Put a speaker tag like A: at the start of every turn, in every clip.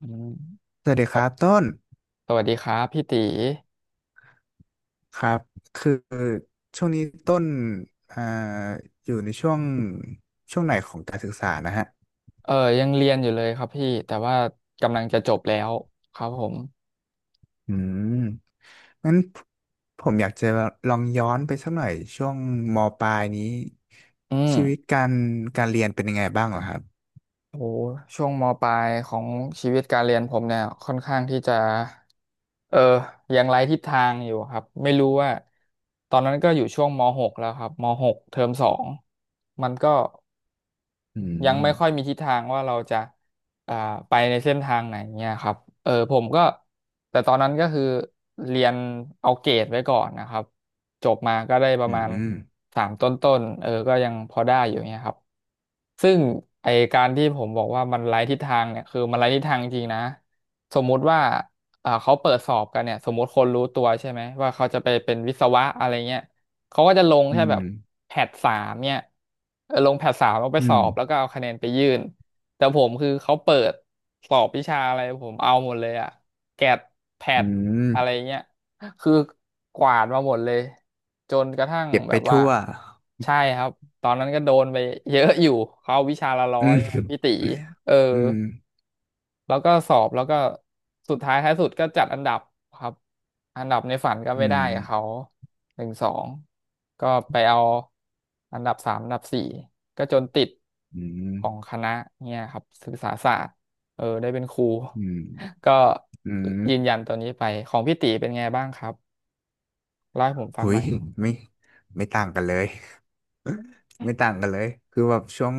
A: อืม
B: สวัสดีครั
A: ส
B: บต้น
A: สวัสดีครับพี่ตี
B: ครับคือช่วงนี้ต้นอ่าอยู่ในช่วงไหนของการศึกษานะฮะ
A: เออยังเรียนอยู่เลยครับพี่แต่ว่ากำลังจะจบแล้วครับผม
B: อืมงั้นผมอยากจะลองย้อนไปสักหน่อยช่วงมปลายนี้
A: อืม
B: ชีวิตการเรียนเป็นยังไงบ้างเหรอครับ
A: โอ้ช่วงมปลายของชีวิตการเรียนผมเนี่ยค่อนข้างที่จะเออยังไร้ทิศทางอยู่ครับไม่รู้ว่าตอนนั้นก็อยู่ช่วงมหกแล้วครับมหกเทอมสองมันก็
B: อื
A: ยัง
B: ม
A: ไม่ค่อยมีทิศทางว่าเราจะอ่าไปในเส้นทางไหนเนี่ยครับผมก็แต่ตอนนั้นก็คือเรียนเอาเกรดไว้ก่อนนะครับ จบมาก็ได้ประ
B: อื
A: มาณ
B: ม
A: สามต้นๆก็ยังพอได้อยู่เนี่ยครับ ซึ่งไอการที่ผมบอกว่ามันไร้ทิศทางเนี่ยคือมันไร้ทิศทางจริงๆนะสมมุติว่าเขาเปิดสอบกันเนี่ยสมมุติคนรู้ตัวใช่ไหมว่าเขาจะไปเป็นวิศวะอะไรเงี้ยเขาก็จะลง
B: อื
A: แค่แบ
B: ม
A: บแพทสามเนี่ยลงแพทสามแล้วไป
B: อื
A: สอ
B: ม
A: บแล้วก็เอาคะแนนไปยื่นแต่ผมคือเขาเปิดสอบวิชาอะไรผมเอาหมดเลยอะแกดแพ
B: อื
A: ท
B: ม
A: อะไรเงี้ย คือกวาดมาหมดเลยจนกระทั่ง
B: เก็บ
A: แบ
B: ไป
A: บว่า
B: ทั่ว
A: ใช่ครับตอนนั้นก็โดนไปเยอะอยู่เขาวิชาละร้อ
B: อื
A: ยไงพี่
B: ม
A: ตีเออ
B: อืม
A: แล้วก็สอบแล้วก็สุดท้ายท้ายสุดก็จัดอันดับครับอันดับในฝันก็
B: อื
A: ไม่ได้
B: ม
A: กับเขาหนึ่งสองก็ไปเอาอันดับสามอันดับสี่ก็จนติด
B: อืม
A: ของคณะเนี่ยครับศึกษาศาสตร์ได้เป็นครู
B: อืม
A: ก็
B: อืม
A: ยืนยันตัวนี้ไปของพี่ตีเป็นไงบ้างครับ เล่าให้ผมฟัง
B: หุ
A: ห
B: ย
A: น่อย
B: ไม่ไม่ต่างกันเลย ไม่ต่างกันเลยคือแบบช่วง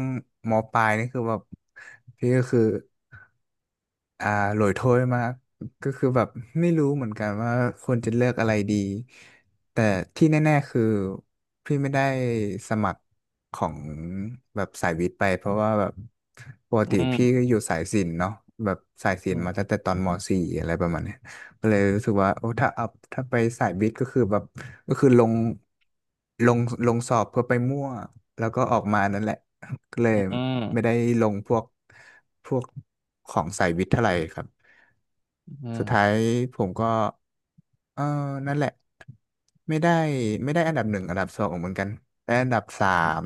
B: มปลายนี่คือแบบพี่ก็คือ อ่าโหลยโถ้วยมากก็คือแบบไม่รู้เหมือนกันว่าควรจะเลือกอะไรดีแต่ที่แน่ๆคือพี่ไม่ได้สมัครของแบบสายวิทย์ไปเพราะว่าแบบปกติ
A: อืม
B: พี่ก็อยู่สายศิลป์เนาะแบบสายศิ
A: อื
B: ลป์
A: ม
B: มาตั้งแต่ตอนม .4 อะไรประมาณเนี้ยก็เลยรู้สึกว่าโอ้ถ้าเอาถ้าไปสายวิทย์ก็คือแบบก็คือลงลงสอบเพื่อไปมั่วแล้วก็ออกมานั่นแหละ ก็เลย
A: อื
B: ไม่ได้
A: ม
B: ลงพวกของสายวิทย์เท่าไหร่ครับ
A: อืม
B: สุดท้ายผมก็เออนั่นแหละไม่ได้ไม่ได้อันดับหนึ่งอันดับสองเหมือนกันได้อันดับสาม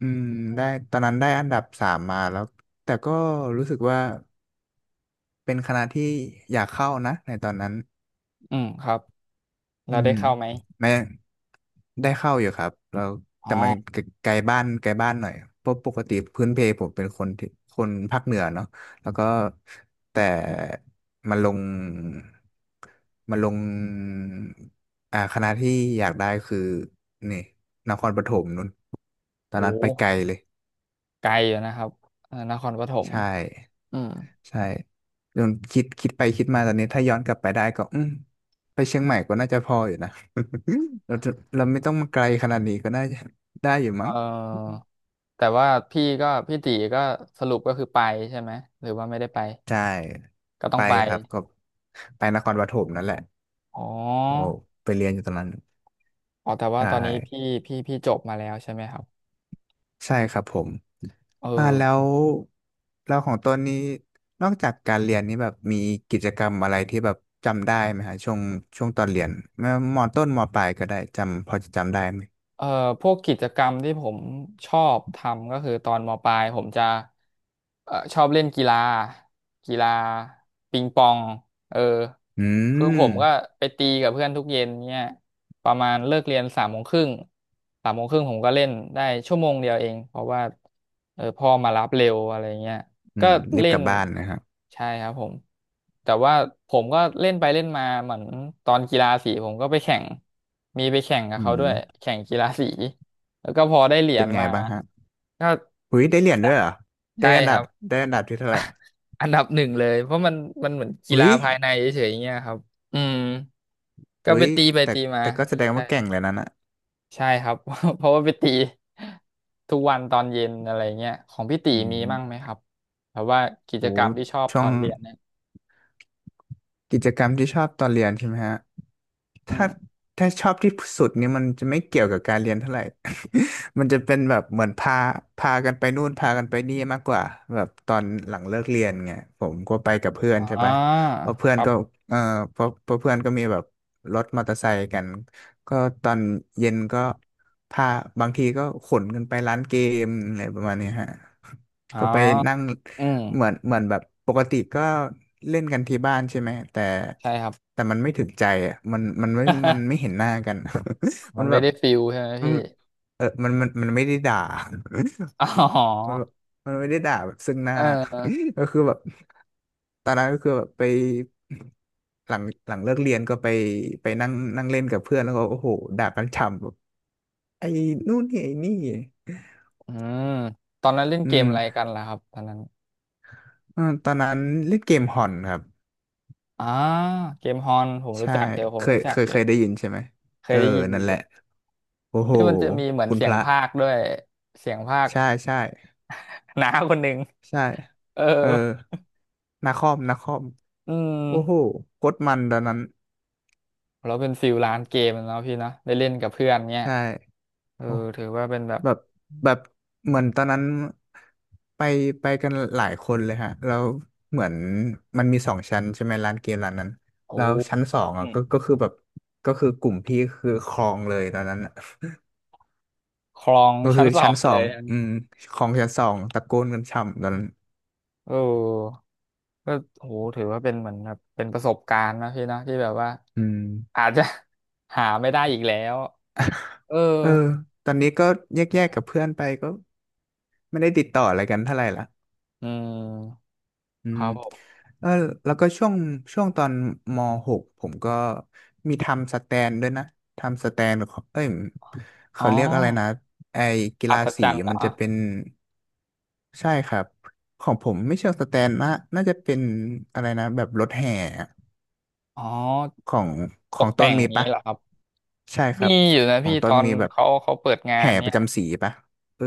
B: อืมได้ตอนนั้นได้อันดับสามมาแล้วแต่ก็รู้สึกว่าเป็นคณะที่อยากเข้านะในตอนนั้น
A: อืมครับแล้
B: อื
A: วได้
B: ม
A: เข้าไหม
B: ไม่ได้เข้าอยู่ครับแล้ว
A: อ๋
B: แต่มัน
A: อ
B: ไกลบ้านหน่อยเพราะปกติพื้นเพผมเป็นคนที่คนภาคเหนือเนาะแล้วก็แต่มาลงมาลงคณะที่อยากได้คือนี่นครปฐมนู่นตอน
A: โอ้
B: นั้นไปไกลเลย
A: ไกลอยู่นะครับนครปฐม
B: ใช่
A: อืม
B: ใช่จนคิดไปคิดมาตอนนี้ถ้าย้อนกลับไปได้ก็อืมไปเชียงใหม่ก็น่าจะพออยู่นะ เราจะเราไม่ต้องมาไกลขนาดนี้ก็น่าจะได้อยู่
A: เอ่
B: มั้ง
A: อแต่ว่าพี่ก็พี่ตีก็สรุปก็คือไปใช่ไหม หรือว่าไม่ได้ไป
B: ใช่
A: ก็ต้
B: ไป
A: องไป
B: ครับก็ไปนครปฐมนั่นแหละ
A: อ๋
B: โอ้
A: อ
B: ไปเรียนอยู่ตอนนั้น
A: อ๋อแต่ว่า
B: ใช่
A: ตอนนี้พี่พี่จบมาแล้วใช่ไหมครับ
B: ใช่ครับผม
A: เออ
B: แล้วของตนนี้นอกจากการเรียนนี้แบบมีกิจกรรมอะไรที่แบบจำได้ไหมฮะช่วงตอนเรียนไมว่ามอต้นมอปลายก็ได้จำพอจะจำได้ไหม
A: เอ่อพวกกิจกรรมที่ผมชอบทำก็คือตอนมปลายผมจะชอบเล่นกีฬากีฬาปิงปองเออ
B: อื
A: คือผ
B: ม
A: มก็ไปตีกับเพื่อนทุกเย็นเนี่ยประมาณเลิกเรียนสามโมงครึ่งสามโมงครึ่งผมก็เล่นได้ชั่วโมงเดียวเองเพราะว่าพ่อมารับเร็วอะไรเงี้ย
B: อื
A: ก็
B: มรีบ
A: เล่
B: กลั
A: น
B: บบ้านนะครับ
A: ใช่ครับผมแต่ว่าผมก็เล่นไปเล่นมาเหมือนตอนกีฬาสีผมก็ไปแข่งมีไปแข่งกับ
B: อื
A: เขา
B: ม
A: ด้วยแข่งกีฬาสีแล้วก็พอได้เหรีย
B: เป็น
A: ญ
B: ไง
A: มา
B: บ้างฮะ
A: ก็
B: หุยได้เหรียญด้วยเหรอ ได้
A: ใช่
B: อัน
A: ค
B: ดั
A: รั
B: บ
A: บ
B: ได้อันดับที่เท่าไหร่
A: อันดับหนึ่งเลยเพราะมันมันเหมือนกี
B: หุ
A: ฬา
B: ย
A: ภายในเฉยๆอย่างเงี้ยครับอืมก็
B: หุ
A: ไป
B: ย
A: ตีไป
B: แต่
A: ตีมา
B: แต่ก็แสดง
A: ใช่
B: ว่าเก่งเลยนะน่ะ
A: ใช่ครับ เพราะว่าไปตีทุกวันตอนเย็นอะไรเงี้ยของพี่ตี
B: อื
A: มีมั่งไหม
B: ม
A: ครับแบบว่ากิ
B: โห
A: จกรรมที่ชอบ
B: ช่
A: ต
B: ว
A: อ
B: ง
A: นเรียนเนี่ย
B: กิจกรรมที่ชอบตอนเรียนใช่ไหมฮะ
A: อืม
B: ถ้าถ้าชอบที่สุดเนี่ยมันจะไม่เกี่ยวกับการเรียนเท่าไหร่ มันจะเป็นแบบเหมือนพากันไปนู่นพากันไปนี่มากกว่าแบบตอนหลังเลิกเรียนไงผมก็ไปกับเพื่อ
A: อ
B: นใช่
A: ่า
B: ไหมเพราะเพื่อ
A: ค
B: น
A: รั
B: ก็
A: บ
B: เออเพราะเพื่อนก็มีแบบรถมอเตอร์ไซค์กันก็ตอนเย็นก็พาบางทีก็ขนกันไปร้านเกมอะไรประมาณเนี้ยฮะ
A: อ๋อ
B: ก็ไปนั่ง
A: อืม
B: เหมือนแบบปกติก็เล่นกันที่บ้านใช่ไหมแต่
A: ใช่ครับ
B: แต่มันไม่ถึงใจอ่ะมันมันไม่ เห็นหน้ากัน
A: มั
B: มั
A: น
B: นแบ
A: ไม่
B: บ
A: ได้ฟิลใช่ไหม
B: มัน
A: พี่
B: เออมันมันไม่ได้ด่า
A: อ๋
B: มัน
A: อ
B: แบบมันไม่ได้ด่าแบบซึ่งหน้า
A: เออ
B: ก็คือแบบตอนนั้นก็คือแบบไปหลังเลิกเรียนก็ไปไปนั่งนั่งเล่นกับเพื่อนแล้วก็โอ้โหด่ากันฉ่ำแบบไอ้นู่นนี่ไอ้นี่
A: อืมตอนนั้นเล่น
B: อื
A: เกม
B: ม
A: อะไรกันล่ะครับตอนนั้น
B: เออตอนนั้นเล่นเกมฮอนครับ
A: อ่าเกมฮอนผมรู้
B: ใช่
A: จักเดี๋ยวผมรู้จักอยู่
B: เคยได้ยินใช่ไหม
A: เค
B: เอ
A: ย
B: อ
A: ได้ยิน
B: นั่
A: อ
B: นแห
A: ยู่
B: ละโอ้โห
A: ที่มันจะมีเหมือน
B: คุณ
A: เสี
B: พ
A: ยง
B: ระ
A: พากย์ด้วยเสียงพากย์
B: ใช่
A: น้าคนหนึ่ง
B: ใช่
A: เออ
B: เออนาคอมนาคอม
A: อื
B: โอ้โห
A: ม
B: โคตรมันตอนนั้น
A: เราเป็นฟิลร้านเกมแล้วพี่เนอะได้เล่นกับเพื่อนเนี้ย
B: ใช่
A: เออ
B: โอ้
A: ถือว่าเป็นแบบ
B: แบบแบบเหมือนตอนนั้นไปไปกันหลายคนเลยฮะแล้วเหมือนมันมีสองชั้นใช่ไหมร้านเกมร้านนั้น
A: โอ้
B: แล้วชั้นสอง
A: อื
B: อ่ะ
A: ม
B: ก็คือแบบก็คือกลุ่มพี่คือครองเลยตอนนั้นอะ
A: ครอง
B: ก็
A: ชั้
B: คื
A: น
B: อ
A: สอ
B: ชั้น
A: ง
B: ส
A: เล
B: อ
A: ย
B: งอืมของชั้นสองตะโกนกันช่ำตอนนั้น
A: เออก็โหถือว่าเป็นเหมือนแบบเป็นประสบการณ์นะพี่นะที่แบบว่า
B: อืม
A: อาจจะ หาไม่ได้อีกแล้วเออ
B: เออตอนนี้ก็แยกๆกับเพื่อนไปก็ไม่ได้ติดต่ออะไรกันเท่าไหร่ละ
A: อืม
B: อื
A: ค
B: ม
A: รับผม
B: เออแล้วก็ช่วงตอนมหกผมก็มีทำสแตนด้วยนะทำสแตนของเอ้ย
A: อ๋อ
B: เขาเรียกอะไรนะไอ้กี
A: อั
B: ฬา
A: ศจ
B: สี
A: รรย์เหร
B: มั
A: อ
B: นจะเป็นใช่ครับของผมไม่เชิงสแตนนะน่าจะเป็นอะไรนะแบบรถแห่
A: อ๋อ
B: ของข
A: ต
B: อง
A: ก
B: ต้
A: แต่
B: น
A: งอ
B: มี
A: ย่าง
B: ปะ
A: นี้เหรอครับ
B: ใช่ครับ
A: มีอยู่นะ
B: ขอ
A: พี่
B: ง
A: ต
B: ต้
A: อ
B: น
A: น
B: มีแบบ
A: เขาเขาเปิดงาน
B: แห่ป
A: เนี่
B: ระ
A: ย
B: จำสีปะเออ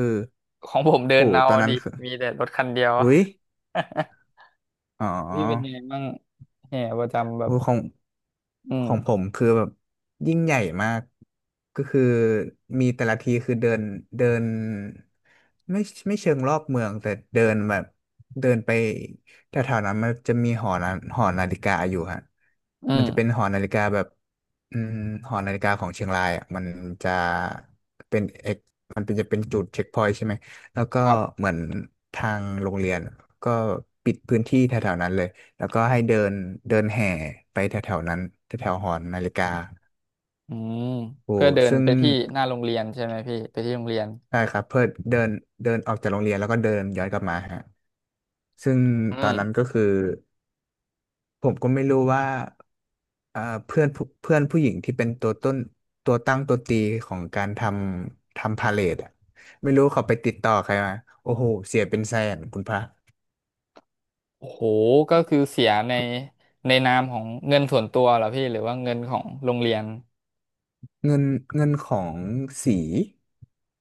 A: ของผมเดิ
B: โห
A: นเอา
B: ตอน
A: อะ
B: นั้
A: ดิ
B: นคือ
A: มีแต่รถคันเดียว
B: อุ้ยอ๋
A: พี่เป็นยั
B: อ
A: งไงบ้างแห่ประจำแบบ
B: มูของ
A: อื
B: ข
A: ม
B: องผมคือแบบยิ่งใหญ่มากก็คือมีแต่ละทีคือเดินเดินไม่ไม่เชิงรอบเมืองแต่เดินแบบเดินไปแถวๆนั้นมันจะมีหอนาหอนาฬิกาอยู่ฮะ
A: อื
B: มัน
A: ม
B: จะเป็นหอนาฬิกาแบบอืมหอนาฬิกาของเชียงรายอ่ะมันจะเป็นเอกมันเป็นจะเป็นจุดเช็คพอยต์ใช่ไหมแล้วก็
A: ครับ
B: เหมือนทางโรงเรียนก็ปิดพื้นที่แถวๆนั้นเลย แล้วก็ให้เดินเดินแห่ไปแถวแถวนั้นแถวแถวหอนาฬิกา
A: อืม
B: โอ้
A: เพื่อเดิน
B: ซึ่ง
A: ไปที่หน้าโรงเรียนใช่ไหมพี่ไปที่โรงเรียน
B: ใช่ครับเพื่อเดินเดินออกจากโรงเรียนแล้วก็เดินย้อนกลับมาฮะซึ่ง
A: อื
B: ตอ
A: ม
B: นนั้นก็คือผมก็ไม่รู้ว่าเอ่อเพื่อนผู้เพื่อนผู้หญิงที่เป็นตัวต้นตัวตั้งตัวตีของการทำพาเลทอะไม่รู้เขาไปติดต่อใครมาโอ้โหเสียเป็นแสนคุณพระ
A: โอ้โหก็คือเสียในในนามของเงินส่วนตัวเหรอพี่หรือว่าเงินของโรงเรียน
B: เงินของสี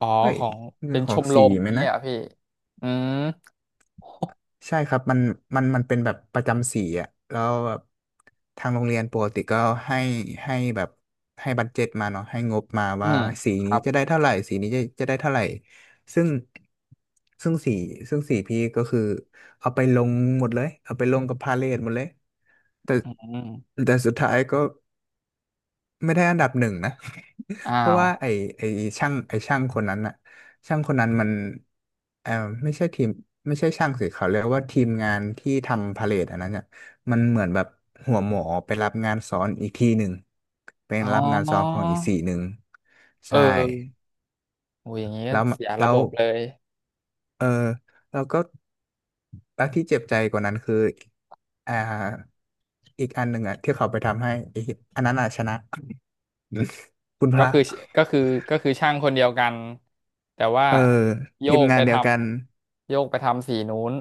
A: อ๋อ
B: เฮ้ย
A: ของ
B: เงิ
A: เป็
B: น
A: น
B: ข
A: ช
B: อง
A: มร
B: สี
A: ม
B: ไหม
A: นี้ย
B: นะ
A: เหรอพี่อืม
B: ใช่ครับมันมันเป็นแบบประจำสีอ่ะแล้วแบบทางโรงเรียนปกติก็ให้ให้แบบให้บัดเจ็ตมาเนาะให้งบมา
A: อื
B: ว่า
A: ม
B: สี
A: ค
B: นี้
A: รับ
B: จะได้เท่าไหร่สีนี้จะได้เท่าไหร่ซึ่งซึ่งสีสีพี่ก็คือเอาไปลงหมดเลยเอาไปลงกับพาเลทหมดเลยแต่
A: อืม
B: สุดท้ายก็ ไม่ได้อันดับหนึ่งนะ
A: อ้า
B: เพราะ
A: ว
B: ว่าไอไอช่างคนนั้นอะช่างคนนั้นมันเออไม่ใช่ทีมไม่ใช่ช่างสิเขาเรียกว่าทีมงานที่ทำพาเลทอันนั้นเนี่ยมันเหมือนแบบหัวหมอไปรับงานซ้อนอีกทีหนึ่งเป็น
A: อ๋อ
B: รับงานซ้อนของอีกสีหนึ่ง
A: เอ
B: ใช่
A: อโอ้ยอย่างนี้ก็
B: แล้วม
A: เสีย
B: แล้
A: ระบ
B: ว
A: บเลย
B: เออแล้วก็แล้วที่เจ็บใจกว่านั้นคืออ่าอีกอันหนึ่งอะที่เขาไปทำให้อีกอันนั้นอะชนะ คุณพ
A: ก็
B: ระ
A: คือก็คือก็คือช่างคนเดียวกันแต่ว่า
B: เออ
A: โย
B: ทีม
A: ก
B: งา
A: ไป
B: น
A: ท
B: เดียวกัน
A: ำโยกไปทำสีนู้น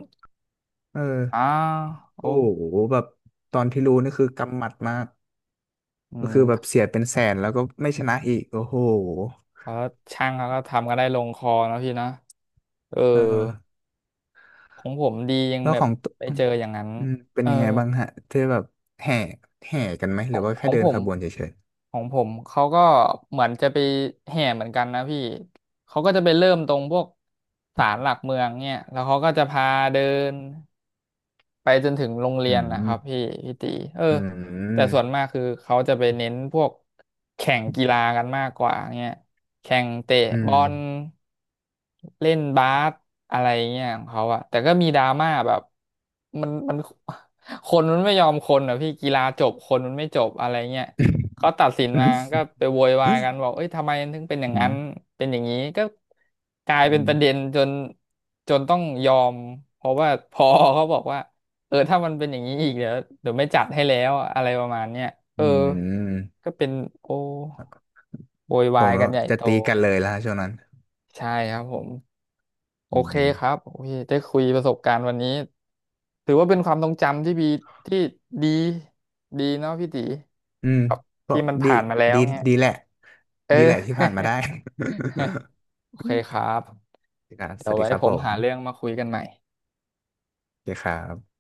B: เอ
A: อ้า
B: อ
A: วโอ้
B: โอ้โหแบบตอนที่รู้นี่คือกำหมัดมาก
A: อื
B: ก็คือแบบ
A: ม
B: เสียเป็นแสนแล้วก็ไม่ชนะอีกโอ้โห
A: แล้วช่างเขาก็ทำกันได้ลงคอนะพี่นะเออ
B: เออ
A: ของผมดียัง
B: แล้ว
A: แบ
B: ข
A: บ
B: องต
A: ไปเจออย่างนั้น
B: อืมเป็น
A: เออ
B: ยังไงบ้างฮะที่แบบแห่กันไหม
A: ข
B: ห
A: อ
B: รือ
A: ง
B: ว่า
A: ข
B: แค่
A: อง
B: เดิ
A: ผ
B: นข
A: ม
B: บวนเฉย
A: ของผมเขาก็เหมือนจะไปแห่เหมือนกันนะพี่เขาก็จะไปเริ่มตรงพวกศาลหลักเมืองเนี่ยแล้วเขาก็จะพาเดิน ไปจนถึงโรง
B: ๆ
A: เรียนนะครับพี่พี่ตีเออ
B: อื
A: แต่
B: ม
A: ส่วนมากคือเขาจะไปเน้นพวกแข่งกีฬากันมากกว่าเงี้ยแข่งเตะ
B: อื
A: บ
B: ม
A: อลเล่นบาสอะไรเงี้ยของเขาอะแต่ก็มีดราม่าแบบมันมัน คนมันไม่ยอมคนอะพี่กีฬาจบคนมันไม่จบอะไรเงี้ยเขาตัดสิน
B: อื
A: มาก็
B: ม
A: ไปโวยวายกันบอกเอ้ยทำไมถึงเป็นอย่าง
B: อื
A: นั้
B: ม
A: นเป็นอย่างนี้ก็กลาย
B: อื
A: เป็นป
B: ม
A: ระเด็นจนจนต้องยอมเพราะว่าพอเขาบอกว่า ถ้ามันเป็นอย่างนี้อีกเดี๋ยวเดี๋ยวไม่จัดให้แล้วอะอะไรประมาณเนี้ยเอ
B: อื
A: อ
B: ม
A: ก็เป็นโอโวย
B: ผ
A: วา
B: ม
A: ย
B: แล้
A: กัน
B: ว
A: ใหญ่
B: จะ
A: โต
B: ตีกันเลยแล้วฮะช่วงนั้น
A: ใช่ครับผมโอ
B: อื
A: เคครับ
B: ม
A: โอเคได้คุยประสบการณ์วันนี้ถือว่าเป็นความทรงจำที่ดีที่ดีดีเนาะพี่ตี
B: อืม
A: ครับ
B: ก็
A: ที่มัน
B: ดี
A: ผ่านมาแล้ว
B: ดี
A: เนี่ย
B: ดีแหละ
A: เอ
B: ที่ผ่านมา
A: อ
B: ได้
A: โอ
B: ส
A: เค
B: วัส
A: ครับ
B: ดีครับส
A: เดี๋ยว
B: วัสดี
A: ไว้
B: ครับ
A: ผ
B: ผ
A: มหาเรื่อง
B: ม
A: มาคุยกันใหม่
B: โอเคครับ